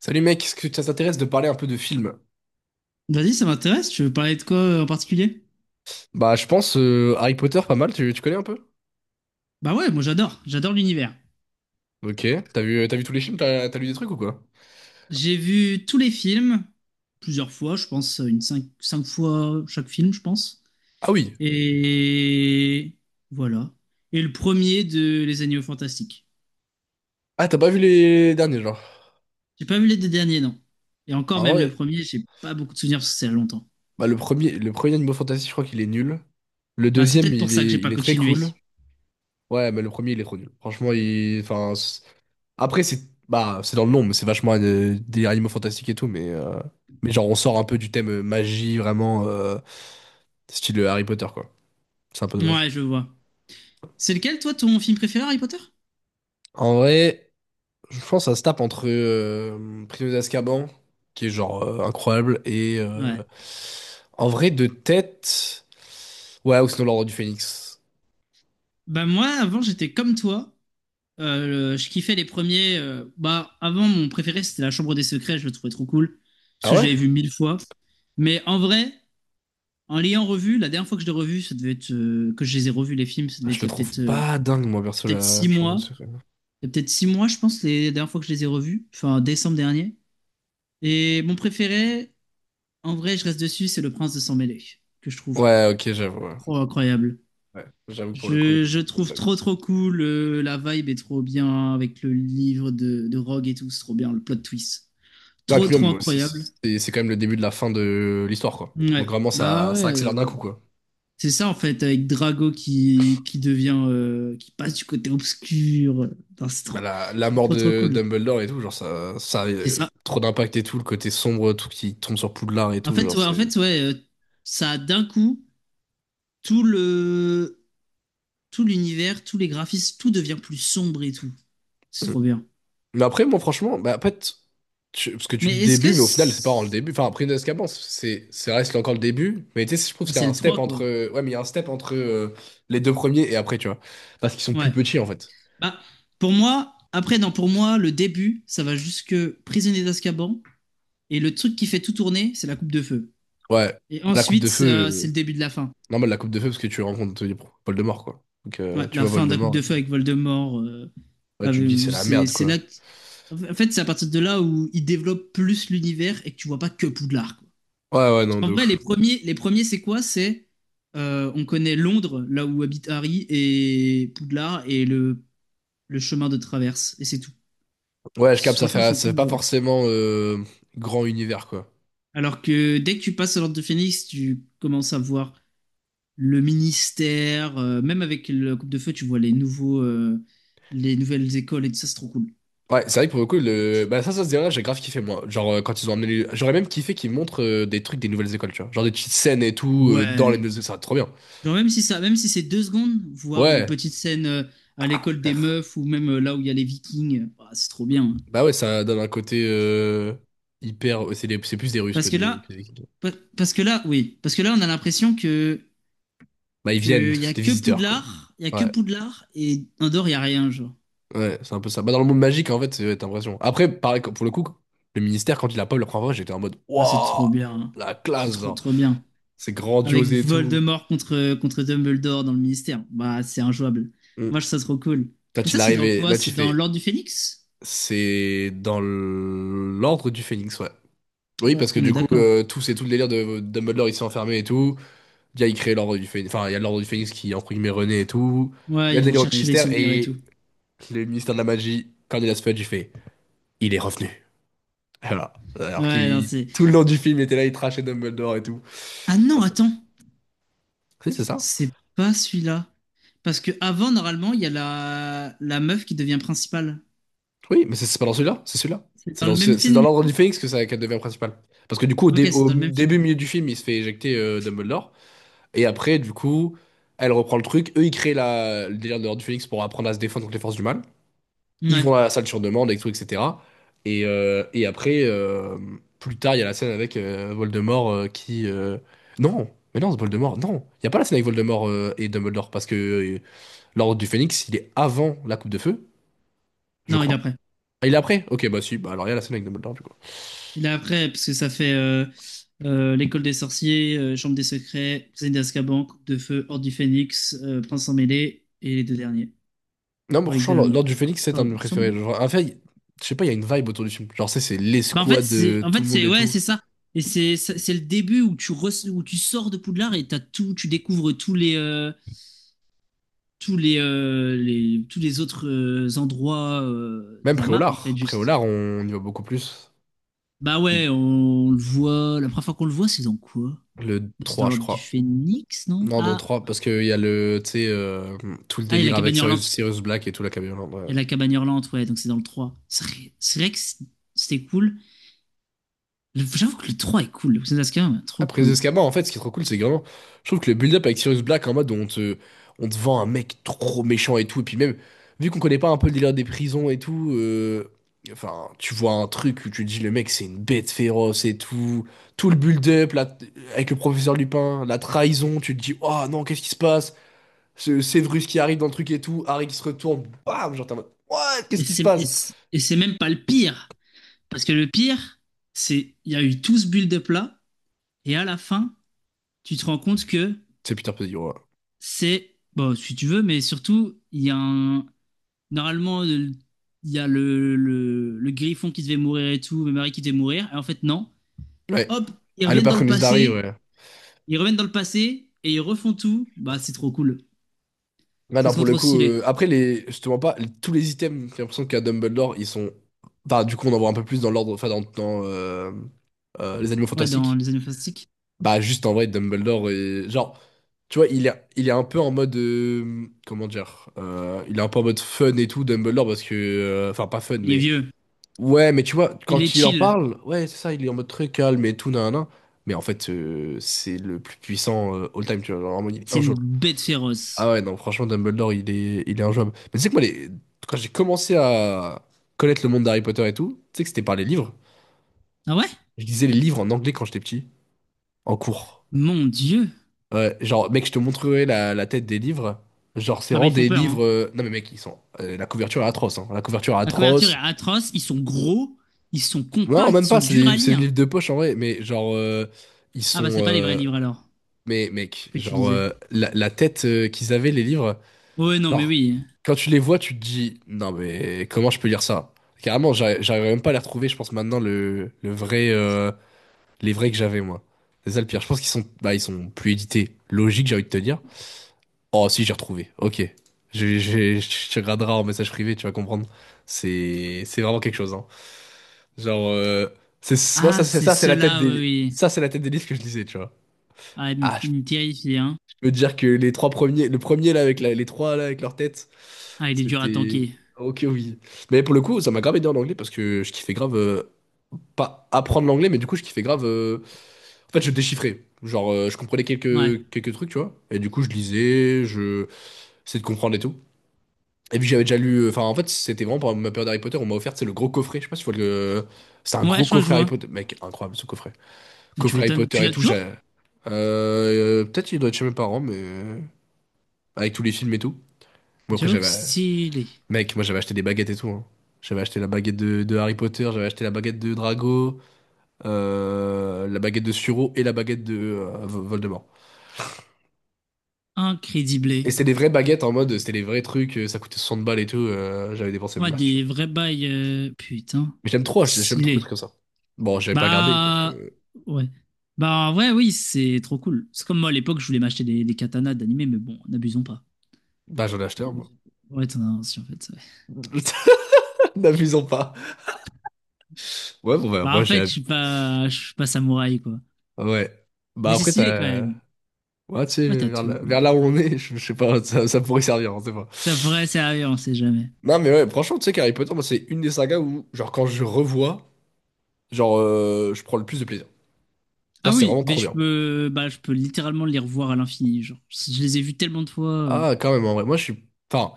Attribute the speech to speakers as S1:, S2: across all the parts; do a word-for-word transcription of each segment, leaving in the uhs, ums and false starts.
S1: Salut mec, est-ce que ça t'intéresse de parler un peu de films?
S2: Vas-y, ça m'intéresse. Tu veux parler de quoi euh, en particulier?
S1: Bah je pense euh, Harry Potter pas mal, tu, tu connais un peu?
S2: Bah ouais, moi j'adore, j'adore l'univers.
S1: Ok, t'as vu, t'as vu tous les films, t'as t'as lu des trucs ou quoi?
S2: J'ai vu tous les films, plusieurs fois, je pense, euh, une cinq, cinq fois chaque film, je pense.
S1: Ah oui.
S2: Et voilà. Et le premier de Les Animaux Fantastiques.
S1: Ah t'as pas vu les derniers genre?
S2: J'ai pas vu les deux derniers, non. Et encore
S1: Ah
S2: même le
S1: ouais.
S2: premier, j'ai pas beaucoup de souvenirs parce que c'est il y a longtemps.
S1: Bah le premier, le premier Animal Fantasy je crois qu'il est nul. Le
S2: Bah c'est
S1: deuxième
S2: peut-être pour
S1: il
S2: ça que
S1: est,
S2: j'ai pas
S1: il est très
S2: continué.
S1: cool. Ouais mais le premier il est trop nul. Franchement il, enfin c'est- après c'est, bah c'est dans le nom mais c'est vachement euh, des animaux fantastiques et tout mais, euh, mais genre on sort un peu du thème euh, magie vraiment euh, style Harry Potter quoi. C'est un peu dommage.
S2: Ouais, je vois. C'est lequel, toi, ton film préféré, Harry Potter?
S1: En vrai. Je pense que ça se tape entre euh, Prisonnier d'Azkaban, qui est genre euh, incroyable, et
S2: Ouais.
S1: euh, en vrai de tête, ouais, ou sinon l'Ordre du Phénix.
S2: Bah moi, avant, j'étais comme toi. Euh, le- je kiffais les premiers. euh, bah, avant, mon préféré, c'était La Chambre des Secrets. Je le trouvais trop cool. Parce
S1: Ah
S2: que je
S1: ouais?
S2: l'avais vu mille fois. Mais en vrai, en l'ayant revu, la dernière fois que je l'ai revu, ça devait être. Euh, que je les ai revus, les films, ça devait
S1: Je
S2: être il y
S1: le
S2: a
S1: trouve
S2: peut-être euh,
S1: pas dingue, moi, perso,
S2: peut-être
S1: la
S2: six
S1: chambre de
S2: mois.
S1: secret.
S2: Il y a peut-être six mois, je pense, les dernières fois que je les ai revus. Enfin, en décembre dernier. Et mon préféré, en vrai, je reste dessus, c'est Le Prince de Sang-Mêlé. Que je trouve
S1: Ouais, ok, j'avoue. Ouais,
S2: trop incroyable.
S1: ouais, j'avoue que pour le coup, il...
S2: Je, je
S1: il me
S2: trouve
S1: bug.
S2: trop trop cool, euh, la vibe est trop bien avec le livre de, de Rogue et tout, c'est trop bien, le plot twist.
S1: Ah, et
S2: Trop,
S1: puis même,
S2: trop
S1: moi aussi,
S2: incroyable.
S1: c'est c'est quand même le début de la fin de l'histoire, quoi. Donc
S2: Ouais.
S1: vraiment,
S2: Bah
S1: ça, ça accélère
S2: ouais.
S1: d'un coup, quoi.
S2: C'est ça en fait, avec Drago qui, qui devient. euh, qui passe du côté obscur. Non, c'est trop,
S1: Bah, la, la
S2: c'est
S1: mort
S2: trop, trop
S1: de
S2: cool.
S1: Dumbledore et tout, genre, ça, ça a
S2: C'est
S1: euh,
S2: ça.
S1: trop d'impact et tout, le côté sombre, tout qui tombe sur Poudlard et
S2: En
S1: tout,
S2: fait,
S1: genre,
S2: ouais, en
S1: c'est.
S2: fait, ouais, euh, ça a d'un coup, tout le, tout l'univers, tous les graphismes, tout devient plus sombre et tout. C'est trop bien.
S1: Mais après, moi, franchement, bah, en fait, tu- parce que tu dis
S2: Mais est-ce
S1: début,
S2: que.
S1: mais au final, c'est pas vraiment le
S2: C'est
S1: début. Enfin, après, Nescamp, c'est, c'est reste encore le début. Mais tu sais, je trouve
S2: bah,
S1: qu'il y
S2: c'est
S1: a un
S2: le
S1: step
S2: trois quoi.
S1: entre, ouais, mais il y a un step entre euh, les deux premiers et après, tu vois. Parce qu'ils sont plus
S2: Ouais.
S1: petits, en fait.
S2: Bah, pour moi, après, non, pour moi, le début, ça va jusque prisonnier d'Azkaban. Et le truc qui fait tout tourner, c'est la coupe de feu.
S1: Ouais.
S2: Et
S1: La coupe
S2: ensuite,
S1: de feu,
S2: ça-
S1: euh,
S2: c'est le début de la fin.
S1: normal, la coupe de feu, parce que tu rencontres euh, Voldemort, quoi. Donc,
S2: Ouais,
S1: euh, tu
S2: la
S1: vois
S2: fin de la Coupe
S1: Voldemort. et-
S2: de Feu avec Voldemort. euh,
S1: Ouais, tu te dis, c'est
S2: avec-
S1: la
S2: c'est
S1: merde,
S2: c'est là.
S1: quoi.
S2: que- En fait, c'est à partir de là où il développe plus l'univers et que tu vois pas que Poudlard, quoi.
S1: Ouais, ouais,
S2: Parce
S1: non, de
S2: qu'en vrai, les
S1: ouf.
S2: premiers, les premiers, c'est quoi? C'est euh, on connaît Londres, là où habite Harry, et Poudlard et le, le chemin de traverse. Et c'est tout.
S1: Ouais, je
S2: C'est-
S1: capte, ça
S2: Franchement,
S1: fait,
S2: c'est
S1: ça fait
S2: tout,
S1: pas
S2: genre.
S1: forcément euh, grand univers, quoi.
S2: Alors que dès que tu passes à l'Ordre de Phénix, tu commences à voir. Le ministère, euh, même avec la Coupe de Feu, tu vois les nouveaux, euh, les nouvelles écoles et tout ça, c'est trop cool.
S1: Ouais, c'est vrai que pour le coup, le... bah, ça, ça se dirait, j'ai grave kiffé, moi. Genre, euh, quand ils ont amené. les... J'aurais même kiffé qu'ils montrent euh, des trucs des nouvelles écoles, tu vois. Genre des petites scènes et tout, euh, dans les
S2: Ouais.
S1: nouvelles écoles, ça va être trop bien.
S2: Genre même si ça, même si c'est deux secondes, voir une
S1: Ouais.
S2: petite scène euh, à
S1: Ah,
S2: l'école des
S1: frère.
S2: meufs ou même euh, là où il y a les Vikings, euh, bah, c'est trop bien, hein.
S1: Bah ouais, ça donne un côté euh, hyper... euh, C'est des- c'est plus des Russes que
S2: Parce que
S1: des...
S2: là,
S1: que des-
S2: pa- parce que là, oui, parce que là, on a l'impression que
S1: Bah, ils viennent,
S2: que y a
S1: c'est des
S2: que
S1: visiteurs, quoi.
S2: Poudlard, il y a que
S1: Ouais,
S2: Poudlard et Andorre, il y a rien, genre.
S1: ouais, c'est un peu ça. Bah, dans le monde magique, en fait, c'est ouais, t'as l'impression. Après, pareil, pour le coup, le ministère, quand il a pas eu la première fois, j'étais en mode,
S2: Ah, c'est
S1: waouh,
S2: trop bien, hein.
S1: la
S2: C'est
S1: classe,
S2: trop
S1: genre.
S2: trop bien.
S1: C'est
S2: Avec
S1: grandiose et tout.
S2: Voldemort contre, contre Dumbledore dans le ministère. Bah, c'est injouable.
S1: Mm.
S2: Moi, je trouve ça trop cool.
S1: Toi,
S2: Mais
S1: tu
S2: ça, c'est
S1: l'arrives
S2: dans
S1: et
S2: quoi?
S1: là, tu
S2: C'est dans
S1: fais,
S2: l'Ordre du Phénix?
S1: c'est dans l'ordre du Phénix, ouais. Oui,
S2: Ouais,
S1: parce que
S2: on est
S1: du coup,
S2: d'accord.
S1: euh, tout c'est tout le délire de Dumbledore, il s'est enfermé et tout. Il y a, il crée l'ordre du Phénix. Enfin, il y a l'ordre du Phénix qui, entre guillemets, renaît et tout. Il y
S2: Ouais,
S1: a le
S2: ils vont
S1: délire au
S2: chercher les
S1: ministère
S2: souvenirs et
S1: et
S2: tout.
S1: le ministère de la magie, Cornelius Fudge, il fait, il est revenu. Voilà. Alors
S2: Ouais, non,
S1: qu'il,
S2: c'est.
S1: tout le long du film, il était là, il trashait Dumbledore et tout.
S2: Ah
S1: Ah,
S2: non,
S1: c'est-
S2: attends,
S1: oui, c'est ça.
S2: c'est pas celui-là. Parce que avant, normalement, il y a la... la meuf qui devient principale.
S1: Oui, mais c'est c'est pas dans celui-là, c'est celui-là.
S2: C'est
S1: C'est
S2: dans le
S1: dans,
S2: même
S1: c'est c'est dans
S2: film, du
S1: l'ordre du
S2: coup?
S1: Phénix que ça qu'elle devient principale. Parce que du coup, au, dé-
S2: Ok, c'est
S1: au
S2: dans le même film.
S1: début,
S2: Ouais,
S1: milieu du film, il se fait éjecter euh, Dumbledore. Et après, du coup, elle reprend le truc. Eux, ils créent la... le délire de l'Ordre du Phénix pour apprendre à se défendre contre les forces du mal. Ils vont
S2: Ouais.
S1: à la salle sur demande, et tout, et cetera. Et, euh, et après, euh, plus tard, il y a la scène avec euh, Voldemort euh, qui. Euh, Non! Mais non, c'est Voldemort, non! Il n'y a pas la scène avec Voldemort euh, et Dumbledore, parce que euh, l'Ordre du Phénix, il est avant la Coupe de Feu, je
S2: Non, il est
S1: crois.
S2: après.
S1: Ah, il est après? Ok, bah si, bah alors il y a la scène avec Dumbledore, du coup.
S2: Il est après, parce que ça fait euh, euh, l'école des sorciers, euh, chambre des secrets, prisonnier d'Azkaban, coupe de feu, horde du phénix, euh, prince en mêlée, et les deux derniers,
S1: Non, mais
S2: relique
S1: franchement,
S2: de la
S1: l'Ordre
S2: mort.
S1: du Phénix, c'est un
S2: Enfin,
S1: de
S2: il
S1: mes
S2: me
S1: préférés.
S2: semble-
S1: Genre, en fait, il- je sais pas, il y a une vibe autour du film. Genre, c'est c'est
S2: bah, en fait,
S1: l'escouade,
S2: c'est,
S1: de
S2: en
S1: tout
S2: fait,
S1: le monde
S2: c'est,
S1: et
S2: ouais,
S1: tout.
S2: c'est ça. Et c'est, c'est c'est le début où tu, re- où tu sors de Poudlard et t'as tout, tu découvres tous les, euh, tous les, euh, les, tous les autres euh, endroits euh,
S1: Même
S2: de la map, en fait,
S1: Préolard.
S2: juste.
S1: Préolard, on y va beaucoup plus.
S2: Bah ouais, on, le voit, la première fois qu'on le voit, c'est dans quoi?
S1: Le
S2: Bah, C'est dans
S1: trois, je
S2: l'ordre du
S1: crois.
S2: phénix, non?
S1: Non, dans le
S2: Ah,
S1: trois, parce qu'il y a le, tu sais, euh, tout le
S2: Ah, il y a la
S1: délire avec
S2: cabane
S1: Sirius,
S2: hurlante.
S1: Sirius Black et tout la camionnette.
S2: Il y
S1: Ouais.
S2: a la cabane hurlante, ouais, donc c'est dans le trois. C'est vrai, c'est vrai que c- c'était cool. J'avoue que le trois est cool. Le Crimson Cascade, ouais, trop
S1: Après les
S2: cool.
S1: escamins, en fait, ce qui est trop cool, c'est que vraiment, je trouve que le build-up avec Sirius Black en mode où on te, on te vend un mec trop méchant et tout, et puis même, vu qu'on connaît pas un peu le délire des prisons et tout, euh, enfin, tu vois un truc où tu te dis le mec c'est une bête féroce et tout, tout le build-up là, avec le professeur Lupin, la trahison, tu te dis, oh non, qu'est-ce qui se passe? Ce Severus qui arrive dans le truc et tout, Harry qui se retourne, bam, genre t'es en mode, what? Qu'est-ce
S2: Et
S1: qui se
S2: c'est et
S1: passe?
S2: c'est- et c'est même pas le pire. Parce que le pire, c'est il y a eu tout ce build-up là, et à la fin, tu te rends compte que
S1: C'est Peter Pettigrew, ouais.
S2: c'est. Bon, si tu veux, mais surtout, il y a un. Normalement, le- il y a le, le, le griffon qui devait mourir et tout, Mary qui devait mourir. Et en fait, non.
S1: Ouais.
S2: Hop, ils
S1: Ah, le
S2: reviennent dans le
S1: patronus d'Harry,
S2: passé
S1: ouais.
S2: Ils reviennent dans le passé et ils refont tout. Bah, c'est trop cool.
S1: Ah
S2: C'est
S1: non,
S2: trop,
S1: pour le
S2: trop
S1: coup,
S2: stylé.
S1: euh, après, les, je te mens pas, les- tous les items, j'ai l'impression qu'à Dumbledore, ils sont. Enfin, du coup, on en voit un peu plus dans l'ordre, enfin, dans, dans, euh, euh, les animaux
S2: Ouais, dans
S1: fantastiques.
S2: Les Animaux Fantastiques.
S1: Bah, juste en vrai, Dumbledore, est... genre, tu vois, il est, il est un peu en mode. Euh, comment dire? Euh, il est un peu en mode fun et tout, Dumbledore, parce que. euh, Enfin, pas fun,
S2: Il est
S1: mais.
S2: vieux.
S1: Ouais, mais tu vois,
S2: Il est
S1: quand il en
S2: chill.
S1: parle, ouais, c'est ça, il est en mode très calme et tout, nanana. Mais en fait, euh, c'est le plus puissant euh, all time, tu vois. Genre, vraiment, il est
S2: C'est une
S1: injouable.
S2: bête
S1: Ah
S2: féroce.
S1: ouais, non, franchement, Dumbledore, il est, il est injouable. Mais tu sais que moi, les- quand j'ai commencé à connaître le monde d'Harry Potter et tout, tu sais que c'était par les livres.
S2: Ah ouais?
S1: Je lisais les livres en anglais quand j'étais petit, en cours.
S2: Mon Dieu.
S1: Ouais, genre, mec, je te montrerai la, la tête des livres. Genre, c'est
S2: Ah bah,
S1: vraiment
S2: ils font
S1: des
S2: peur, hein.
S1: livres. euh, Non, mais mec, ils sont. Euh, la couverture est atroce, hein. La couverture est
S2: La couverture est
S1: atroce.
S2: atroce. Ils sont gros. Ils sont
S1: Non,
S2: compacts. Ils
S1: même
S2: sont
S1: pas, c'est
S2: durs
S1: des,
S2: à
S1: c'est des
S2: lire.
S1: livres de poche en vrai, mais genre, euh, ils
S2: Ah
S1: sont.
S2: bah, c'est pas les vrais
S1: Euh,
S2: livres, alors,
S1: mais mec,
S2: que tu
S1: genre,
S2: disais.
S1: euh, la, la tête euh, qu'ils avaient, les livres,
S2: Ouais, non, mais
S1: genre,
S2: oui.
S1: quand tu les vois, tu te dis, non mais comment je peux lire ça? Carrément, j'arri- j'arriverais même pas à les retrouver, je pense maintenant, le, le vrai, euh, les vrais que j'avais moi. C'est ça le pire, je pense qu'ils sont, bah, ils sont plus édités. Logique, j'ai envie de te dire. Oh, si, j'ai retrouvé. Ok. Je, je, je te graderai en message privé, tu vas comprendre. C'est, c'est vraiment quelque chose, hein. Genre, euh, c'est, moi,
S2: Ah,
S1: ça, c'est
S2: c'est
S1: ça, c'est la tête
S2: cela, oui,
S1: des,
S2: oui.
S1: ça, c'est la tête des listes que je lisais, tu vois.
S2: Ah, il me,
S1: Ah, je,
S2: il me terrifie, hein.
S1: je peux te dire que les trois premiers, le premier là, avec la- les trois là, avec leur tête,
S2: Ah, il est dur à
S1: c'était,
S2: tanker.
S1: ok, oui. Mais pour le coup, ça m'a grave aidé en anglais parce que je kiffais grave, euh, pas apprendre l'anglais, mais du coup, je kiffais grave, euh, en fait, je déchiffrais. Genre, euh, je comprenais
S2: Ouais.
S1: quelques, quelques trucs, tu vois. Et du coup, je lisais, je, essayais de comprendre et tout. Et puis j'avais déjà lu, enfin en fait c'était vraiment pendant ma période Harry Potter, on m'a offert c'est le gros coffret, je sais pas si tu vois le, c'est un
S2: Ouais,
S1: gros
S2: je crois que je
S1: coffret Harry
S2: vois.
S1: Potter, mec incroyable ce coffret,
S2: Mais tu
S1: coffret Harry
S2: m'étonnes. Tu
S1: Potter et
S2: l'as
S1: tout, j'ai,
S2: toujours?
S1: euh, peut-être il doit être chez mes parents mais euh, avec tous les films et tout. Bon après
S2: J'avoue que
S1: j'avais,
S2: stylé.
S1: mec moi j'avais acheté des baguettes et tout, hein. J'avais acheté la baguette de, de Harry Potter, j'avais acheté la baguette de Drago, euh, la baguette de Suro et la baguette de euh, Voldemort. Et
S2: Incrédible.
S1: c'était des vraies baguettes en mode, c'était les vrais trucs, euh, ça coûtait soixante balles et tout, euh, j'avais dépensé
S2: Ouais,
S1: masse.
S2: des vrais bails. euh, Putain.
S1: Mais j'aime trop, acheter- j'aime trop les
S2: Stylé.
S1: trucs comme ça. Bon, j'avais pas gardé parce
S2: Bah.
S1: que
S2: Ouais. Bah, ouais, oui, c'est trop cool. C'est comme moi à l'époque, je voulais m'acheter des, des katanas d'animé, mais bon, n'abusons pas.
S1: bah j'en ai acheté un moi.
S2: Ouais, t'en as un aussi en fait. ouais.
S1: N'abusons pas. Ouais, bon bah
S2: Bah, en
S1: moi
S2: fait,
S1: j'ai
S2: je suis pas, je suis pas samouraï, quoi.
S1: ouais. Bah
S2: Mais c'est
S1: après
S2: stylé quand
S1: t'as
S2: même.
S1: ouais tu sais
S2: Ouais, t'as
S1: vers là, vers
S2: tout.
S1: là où on est, je, je sais pas ça, ça pourrait servir, on sait pas.
S2: C'est vrai, c'est sérieux, on sait jamais.
S1: Non mais ouais, franchement tu sais qu'Harry Potter moi c'est une des sagas où genre quand je revois, genre euh, je prends le plus de plaisir. Genre
S2: Ah
S1: c'est
S2: oui,
S1: vraiment
S2: mais
S1: trop
S2: je
S1: bien.
S2: peux, bah, je peux littéralement les revoir à l'infini. Genre, je les ai vus tellement de fois. euh,
S1: Ah quand même en vrai, moi je suis enfin,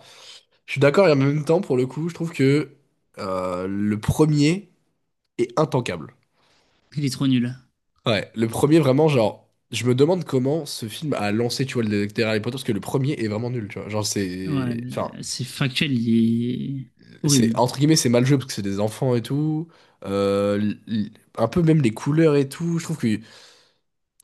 S1: je suis d'accord et en même temps pour le coup, je trouve que euh, le premier est intankable.
S2: Il est trop nul.
S1: Ouais, le premier vraiment, genre, je me demande comment ce film a lancé, tu vois, le détective Harry Potter, parce que le premier est vraiment nul, tu vois. Genre,
S2: Ouais,
S1: c'est. Enfin,
S2: c'est factuel, il est
S1: c'est.
S2: horrible.
S1: Entre guillemets, c'est mal joué parce que c'est des enfants et tout. Euh, l- l- un peu même les couleurs et tout. Je trouve que.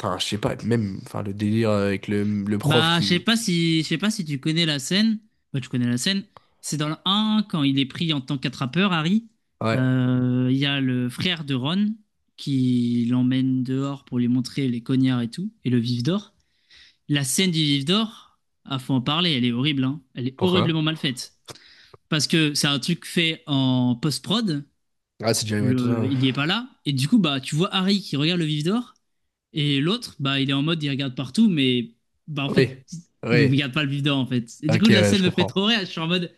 S1: Enfin, je sais pas, même. Enfin, le délire avec le, le prof
S2: Bah, je sais
S1: qui.
S2: pas si, je sais pas si tu connais la scène. Bah, tu connais la scène. C'est dans le un, quand il est pris en tant qu'attrapeur, Harry.
S1: Ouais.
S2: Euh, Il y a le frère de Ron qui l'emmène dehors pour lui montrer les cognards et tout, et le vif d'or. La scène du vif d'or, ah, faut en parler, elle est horrible, hein. Elle est
S1: Pourquoi?
S2: horriblement mal faite. Parce que c'est un truc fait en post-prod,
S1: Ah, c'est Jerry, ouais, tout ça.
S2: le,
S1: Ouais.
S2: il n'y est pas là, et du coup, bah, tu vois Harry qui regarde le vif d'or, et l'autre, bah, il est en mode, il regarde partout, mais bah, en fait,
S1: Oui.
S2: il ne
S1: Oui.
S2: regarde pas le vivant, en fait. Et du
S1: Ok,
S2: coup, la
S1: ouais,
S2: scène
S1: je
S2: me fait
S1: comprends.
S2: trop rire. Je suis en mode,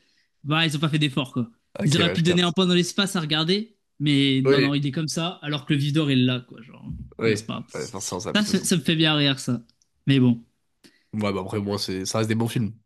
S2: bah, ils ont pas fait d'effort, quoi.
S1: Ok,
S2: Ils auraient
S1: ouais,
S2: pu
S1: je
S2: donner un
S1: capte.
S2: point dans l'espace à regarder, mais non, non,
S1: Oui.
S2: il est comme ça, alors que le vivant est là, quoi. Genre, mais c'est
S1: Oui.
S2: pas grave.
S1: Ouais, forcément, ça a
S2: Ça,
S1: plus de
S2: ça, ça
S1: sens.
S2: me fait bien rire, ça. Mais bon.
S1: Ouais, bah après, moi, c'est... ça reste des bons films.